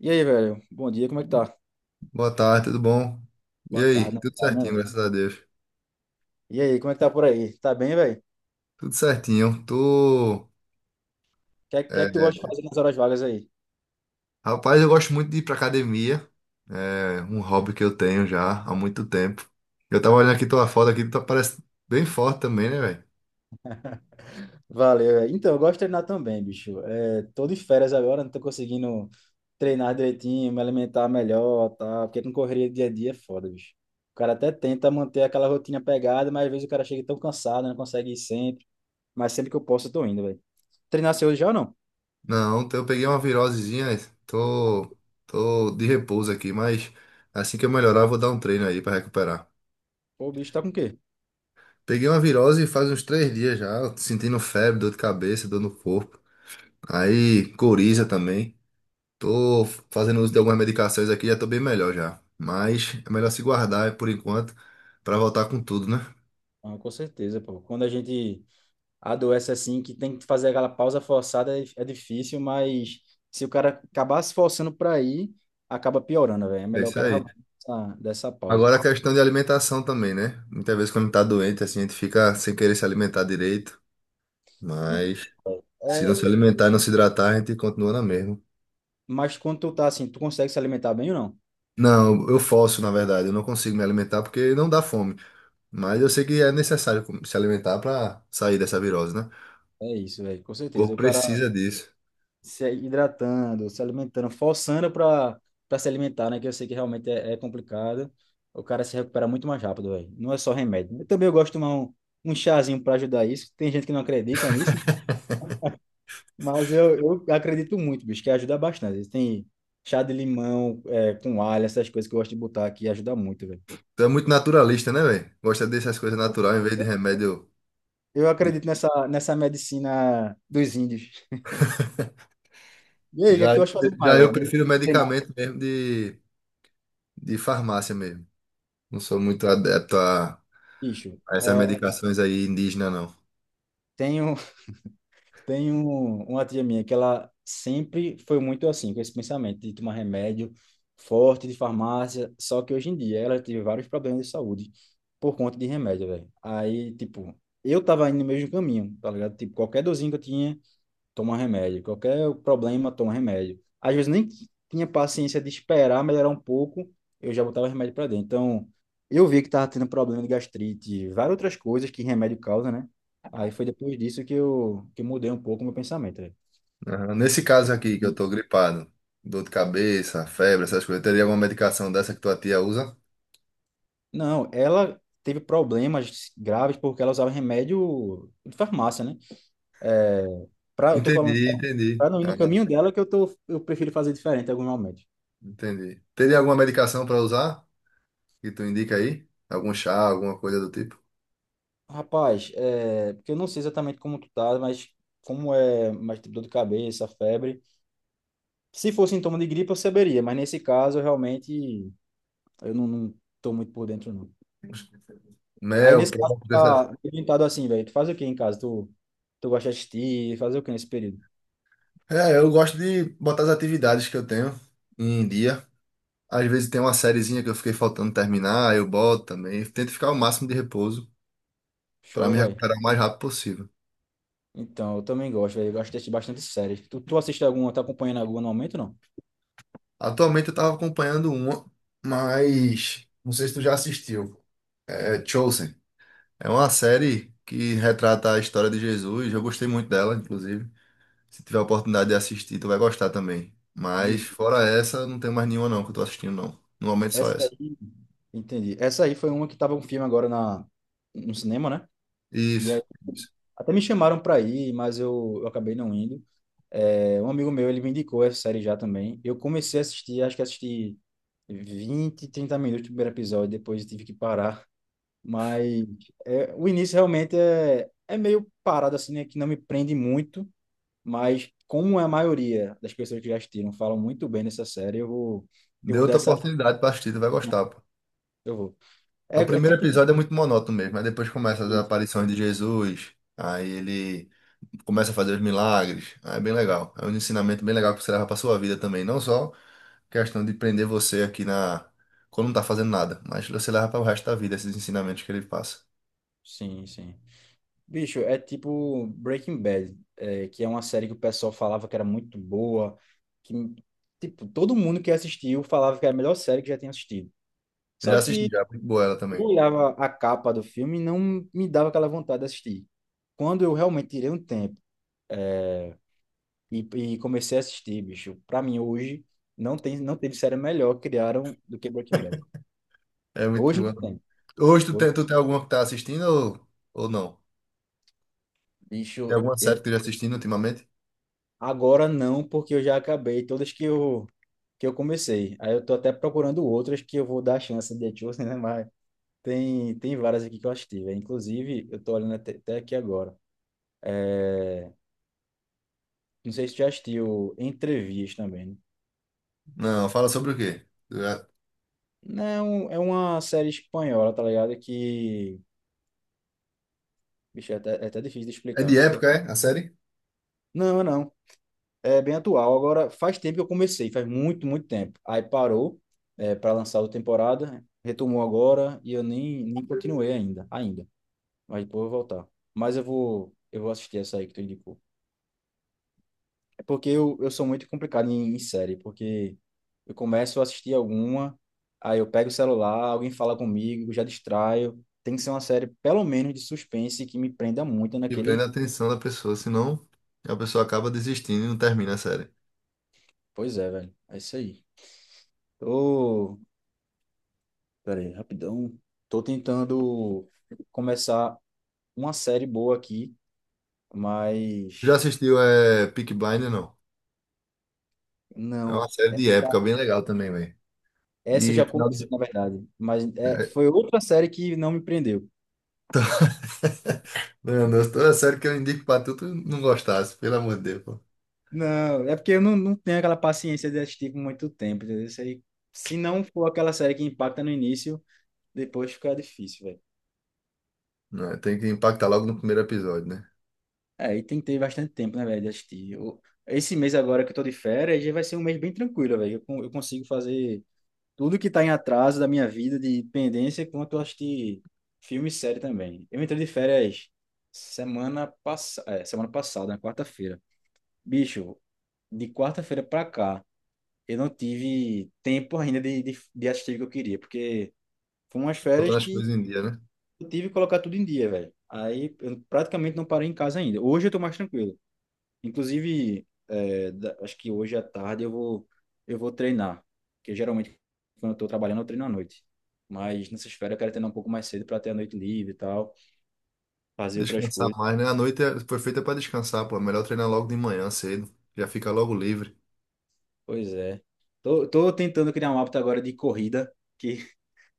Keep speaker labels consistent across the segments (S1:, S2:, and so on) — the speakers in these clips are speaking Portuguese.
S1: E aí, velho? Bom dia, como é que tá?
S2: Boa tarde, tudo bom? E
S1: Boa
S2: aí?
S1: tarde, na
S2: Tudo
S1: verdade, né,
S2: certinho,
S1: velho?
S2: graças a Deus.
S1: E aí, como é que tá por aí? Tá bem, velho?
S2: Tudo certinho. Tô...
S1: É que tu
S2: é,
S1: gosta de fazer nas horas vagas aí?
S2: rapaz, eu gosto muito de ir pra academia. É um hobby que eu tenho já há muito tempo. Eu tava olhando aqui tua foto aqui, tu parece bem forte também, né, velho?
S1: Valeu, velho. Então, eu gosto de treinar também, bicho. Tô de férias agora, não tô conseguindo treinar direitinho, me alimentar melhor, tá? Porque com correria dia a dia é foda, bicho. O cara até tenta manter aquela rotina pegada, mas às vezes o cara chega tão cansado, não consegue ir sempre. Mas sempre que eu posso, eu tô indo, velho. Treinar seu hoje já ou não?
S2: Não, então eu peguei uma virosezinha, tô, tô de repouso aqui, mas assim que eu melhorar, eu vou dar um treino aí pra recuperar.
S1: Pô, o bicho tá com o quê?
S2: Peguei uma virose faz uns 3 dias já, sentindo febre, dor de cabeça, dor no corpo. Aí, coriza também. Tô fazendo uso de algumas medicações aqui, já tô bem melhor já. Mas é melhor se guardar por enquanto pra voltar com tudo, né?
S1: Ah, com certeza, pô. Quando a gente adoece assim, que tem que fazer aquela pausa forçada, é difícil, mas se o cara acabar se forçando para ir, acaba piorando, velho. É
S2: É
S1: melhor o
S2: isso
S1: cara
S2: aí.
S1: realmente dessa pausa.
S2: Agora a questão de alimentação também, né? Muitas vezes quando tá doente, assim, a gente fica sem querer se alimentar direito.
S1: E,
S2: Mas se
S1: é,
S2: não se alimentar e não se hidratar, a gente continua na mesma.
S1: mas quando tu tá assim, tu consegue se alimentar bem ou não?
S2: Não, eu forço, na verdade. Eu não consigo me alimentar porque não dá fome. Mas eu sei que é necessário se alimentar pra sair dessa virose, né?
S1: É isso, velho, com
S2: O
S1: certeza.
S2: corpo
S1: O cara
S2: precisa disso.
S1: se hidratando, se alimentando, forçando para se alimentar, né? Que eu sei que realmente é complicado. O cara se recupera muito mais rápido, velho. Não é só remédio. Eu também gosto de tomar um chazinho para ajudar isso. Tem gente que não acredita nisso, mas eu acredito muito, bicho, que ajuda bastante. Tem chá de limão, com alho, essas coisas que eu gosto de botar aqui, ajuda muito, velho.
S2: Tu é muito naturalista, né, velho? Gosta dessas coisas natural em vez de remédio.
S1: Eu
S2: De-
S1: acredito nessa medicina dos índios. E aí, o que é que
S2: já,
S1: tu acha de fazer
S2: já
S1: mais,
S2: eu
S1: velho?
S2: prefiro
S1: Sei lá.
S2: medicamento mesmo de farmácia mesmo. Não sou muito adepto
S1: Bicho,
S2: a essas medicações aí indígenas, não.
S1: tenho tem uma tia minha que ela sempre foi muito assim, com esse pensamento de tomar remédio forte de farmácia, só que hoje em dia ela teve vários problemas de saúde por conta de remédio, velho. Aí, tipo, eu tava indo no mesmo caminho, tá ligado? Tipo, qualquer dorzinho que eu tinha, toma remédio. Qualquer problema, toma remédio. Às vezes nem tinha paciência de esperar melhorar um pouco, eu já botava remédio para dentro. Então, eu vi que estava tendo problema de gastrite, várias outras coisas que remédio causa, né? Aí foi depois disso que eu mudei um pouco o meu pensamento, né?
S2: Aham. Nesse caso aqui, que eu tô gripado, dor de cabeça, febre, essas coisas, teria alguma medicação dessa que tua tia usa?
S1: Não, ela teve problemas graves porque ela usava remédio de farmácia, né? É, eu tô falando
S2: Entendi, entendi.
S1: para não ir no
S2: Ah, é.
S1: caminho dela que eu tô, eu prefiro fazer diferente em alguns momentos.
S2: Entendi. Teria alguma medicação para usar que tu indica aí? Algum chá, alguma coisa do tipo?
S1: Rapaz, é, porque eu não sei exatamente como tu tá, mas como é mais tipo dor de cabeça, febre. Se fosse sintoma de gripe, eu saberia, mas nesse caso, eu realmente, eu não tô muito por dentro, não. Aí,
S2: Mel,
S1: nesse caso, tu
S2: própolis, essas...
S1: tá orientado assim, velho. Tu faz o que em casa? Tu gosta de assistir? Fazer o que nesse período?
S2: É, eu gosto de botar as atividades que eu tenho em dia. Às vezes tem uma sériezinha que eu fiquei faltando terminar, eu boto também. Tento ficar o máximo de repouso para
S1: Show,
S2: me
S1: velho.
S2: recuperar o mais rápido possível.
S1: Então, eu também gosto, velho. Eu gosto de assistir bastante séries. Tu assiste alguma, tá acompanhando alguma no momento, não?
S2: Atualmente eu tava acompanhando uma, mas não sei se tu já assistiu. É Chosen. É uma série que retrata a história de Jesus. Eu gostei muito dela, inclusive. Se tiver a oportunidade de assistir, tu vai gostar também. Mas
S1: Bicho,
S2: fora essa, não tem mais nenhuma não que eu tô assistindo não. No momento só
S1: essa
S2: essa.
S1: aí, entendi. Essa aí foi uma que tava um filme agora no cinema, né? E
S2: Isso, isso.
S1: até me chamaram para ir, mas eu acabei não indo. É, um amigo meu, ele me indicou essa série já também. Eu comecei a assistir, acho que assisti 20, 30 minutos do primeiro episódio, depois eu tive que parar. Mas é, o início realmente é meio parado, assim, né? Que não me prende muito, mas como é a maioria das pessoas que já assistiram falam muito bem dessa série, eu vou, eu
S2: Dê
S1: vou dar
S2: outra
S1: essa...
S2: oportunidade pra assistir, tu vai gostar, pô.
S1: Eu vou. É,
S2: O
S1: é
S2: primeiro
S1: tipo...
S2: episódio é muito monótono mesmo, aí depois começa as aparições de Jesus, aí ele começa a fazer os milagres, aí é bem legal. É um ensinamento bem legal que você leva pra sua vida também, não só questão de prender você aqui na quando não tá fazendo nada, mas você leva para o resto da vida esses ensinamentos que ele passa.
S1: Sim, sim. Bicho, é tipo Breaking Bad, é, que é uma série que o pessoal falava que era muito boa, que, tipo, todo mundo que assistiu falava que era a melhor série que já tinha assistido.
S2: Eu
S1: Só
S2: já assisti
S1: que
S2: já, é muito boa ela
S1: eu
S2: também.
S1: olhava a capa do filme e não me dava aquela vontade de assistir. Quando eu realmente tirei um tempo e comecei a assistir, bicho, pra mim hoje não tem, não teve série melhor que criaram do que Breaking Bad.
S2: É muito
S1: Hoje não
S2: boa.
S1: tem.
S2: Hoje
S1: Hoje,
S2: tu tem alguma que tá assistindo ou não? Tem
S1: bicho,
S2: alguma série
S1: eu
S2: que tu já assistindo ultimamente?
S1: agora não, porque eu já acabei todas que eu comecei. Aí eu tô até procurando outras que eu vou dar a chance de Etiosen, né? Mas tem, tem várias aqui que eu assisti, velho. Inclusive, eu tô olhando até aqui agora. É, não sei se tu já assistiu Entrevias também, né?
S2: Não, fala sobre o quê?
S1: Não, é um, é uma série espanhola, tá ligado? Que, bicho, é até difícil de
S2: É
S1: explicar,
S2: de
S1: porque...
S2: época, é? A série?
S1: Não, não. É bem atual. Agora, faz tempo que eu comecei, faz muito tempo. Aí parou, é, para lançar outra temporada, retomou agora e eu nem continuei ainda, ainda. Mas depois eu vou voltar. Mas eu vou assistir essa aí que tu indicou. É porque eu sou muito complicado em série, porque eu começo a assistir alguma, aí eu pego o celular, alguém fala comigo, já distraio. Tem que ser uma série, pelo menos, de suspense que me prenda muito
S2: E prende
S1: naquele.
S2: a atenção da pessoa, senão a pessoa acaba desistindo e não termina a série.
S1: Pois é, velho. É isso aí. Tô. Pera aí, rapidão. Tô tentando começar uma série boa aqui,
S2: Já
S1: mas
S2: assistiu é, Peaky Blinders? Não. É
S1: não.
S2: uma série de época bem legal também, velho.
S1: Essa eu
S2: E
S1: já
S2: final
S1: comecei,
S2: de...
S1: na verdade. Mas é,
S2: é,
S1: foi outra série que não me prendeu.
S2: to- Meu, toda série que eu indico pra tu, tu não gostasse, pelo amor de Deus, pô.
S1: Não, é porque eu não tenho aquela paciência de assistir por muito tempo, entendeu? Isso aí, se não for aquela série que impacta no início, depois fica difícil, velho.
S2: Não, tem que impactar logo no primeiro episódio, né?
S1: É, e tem que ter bastante tempo, né, velho, de assistir. Esse mês agora que eu tô de férias, já vai ser um mês bem tranquilo, velho. Eu, eu consigo fazer tudo que tá em atraso da minha vida, de pendência, quanto eu assistir filme e série também. Eu entrei de férias semana passada, na quarta-feira. Bicho, de quarta-feira para cá, eu não tive tempo ainda de assistir o que eu queria, porque foram umas férias
S2: Botando as
S1: que
S2: coisas em dia, né?
S1: eu tive que colocar tudo em dia, velho. Aí eu praticamente não parei em casa ainda. Hoje eu tô mais tranquilo. Inclusive, é, acho que hoje à tarde eu vou treinar, porque geralmente quando eu tô trabalhando eu treino à noite. Mas nessas férias eu quero treinar um pouco mais cedo para ter a noite livre e tal, fazer outras
S2: Descansar
S1: coisas.
S2: mais, né? A noite foi feita pra descansar, pô. É melhor treinar logo de manhã, cedo. Já fica logo livre.
S1: Pois é. Tô tentando criar um hábito agora de corrida, que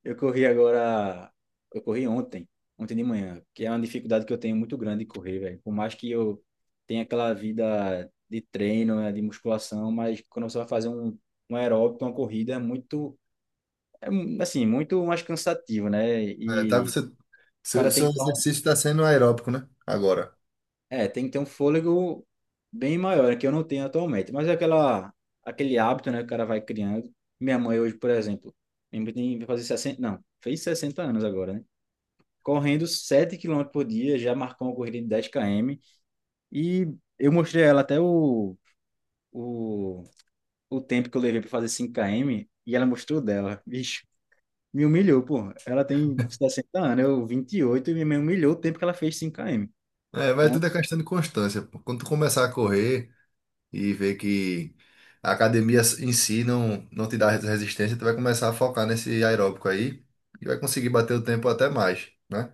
S1: eu corri agora. Eu corri ontem, ontem de manhã, que é uma dificuldade que eu tenho muito grande de correr, velho. Por mais que eu tenha aquela vida de treino, né, de musculação, mas quando você vai fazer um aeróbico, uma corrida, é muito, muito mais cansativo, né?
S2: É, tá,
S1: E
S2: você...
S1: o cara
S2: Seu,
S1: tem
S2: seu
S1: que ter
S2: exercício tá sendo aeróbico, né? Agora.
S1: tem que ter um fôlego bem maior, né, que eu não tenho atualmente. Mas é aquela, aquele hábito, né, que o cara vai criando. Minha mãe hoje, por exemplo, vai fazer 60 não, fez 60 anos agora, né, correndo 7 quilômetros por dia, já marcou uma corrida de 10 km. E eu mostrei a ela até o, o tempo que eu levei para fazer 5 km, e ela mostrou o dela. Bicho, me humilhou, pô. Ela tem 60 anos, eu 28 e me humilhou o tempo que ela fez 5 km.
S2: É, mas tudo é questão de constância, pô. Quando tu começar a correr e ver que a academia em si não, não te dá resistência, tu vai começar a focar nesse aeróbico aí e vai conseguir bater o tempo até mais, né?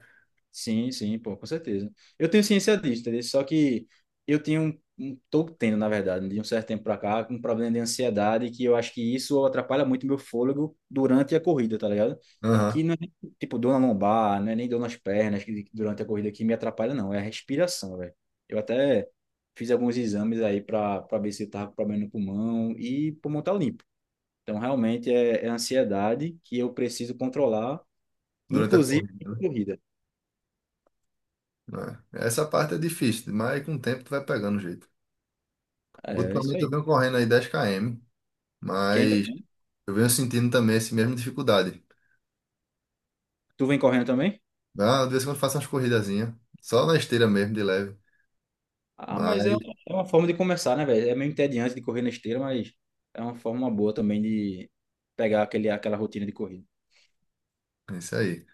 S1: Sim, sim, pô, com certeza. Eu tenho ciência disso, entendeu? Só que eu tenho tô tendo, na verdade, de um certo tempo pra cá, um problema de ansiedade que eu acho que isso atrapalha muito meu fôlego durante a corrida, tá ligado?
S2: Aham.
S1: Que não é, tipo, dor na lombar, não é nem dor nas pernas que durante a corrida que me atrapalha, não. É a respiração, velho. Eu até fiz alguns exames aí pra ver se eu tava com problema no pulmão e pulmão tá limpo. Então, realmente, é a ansiedade que eu preciso controlar,
S2: Durante a
S1: inclusive na
S2: corrida,
S1: corrida.
S2: né? É. Essa parte é difícil, mas com o tempo tu vai pegando o jeito.
S1: É, é isso
S2: Ultimamente eu
S1: aí.
S2: venho correndo aí 10 km,
S1: Quem
S2: mas
S1: também?
S2: eu venho sentindo também essa mesma dificuldade.
S1: Tu vem correndo também?
S2: Ah, de vez em quando eu faço umas corridazinhas, só na esteira mesmo, de leve.
S1: Ah, mas
S2: Mas
S1: é uma forma de começar, né, velho? É meio entediante de correr na esteira, mas é uma forma boa também de pegar aquele, aquela rotina de corrida.
S2: é isso aí.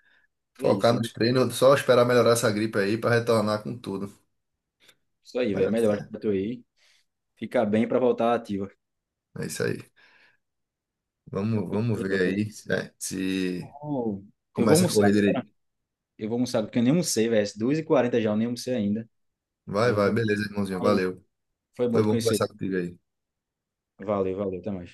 S1: É
S2: Focar
S1: isso,
S2: nos treinos, só esperar melhorar essa gripe aí para retornar com tudo.
S1: isso aí,
S2: Vai
S1: velho.
S2: dar
S1: Melhor
S2: certo.
S1: pra tu aí. Fica bem pra voltar ativa.
S2: É isso aí. Vamos, vamos
S1: Então,
S2: ver aí, né, se
S1: eu vou
S2: começa a
S1: almoçar,
S2: correr direito.
S1: eu vou almoçar, porque eu nem almocei, velho. 2h40 já, eu nem almocei ainda. Aí
S2: Vai,
S1: eu
S2: vai,
S1: vou.
S2: beleza, irmãozinho.
S1: Aí,
S2: Valeu.
S1: foi
S2: Foi
S1: bom te
S2: bom
S1: conhecer.
S2: conversar contigo aí.
S1: Valeu, valeu, até mais.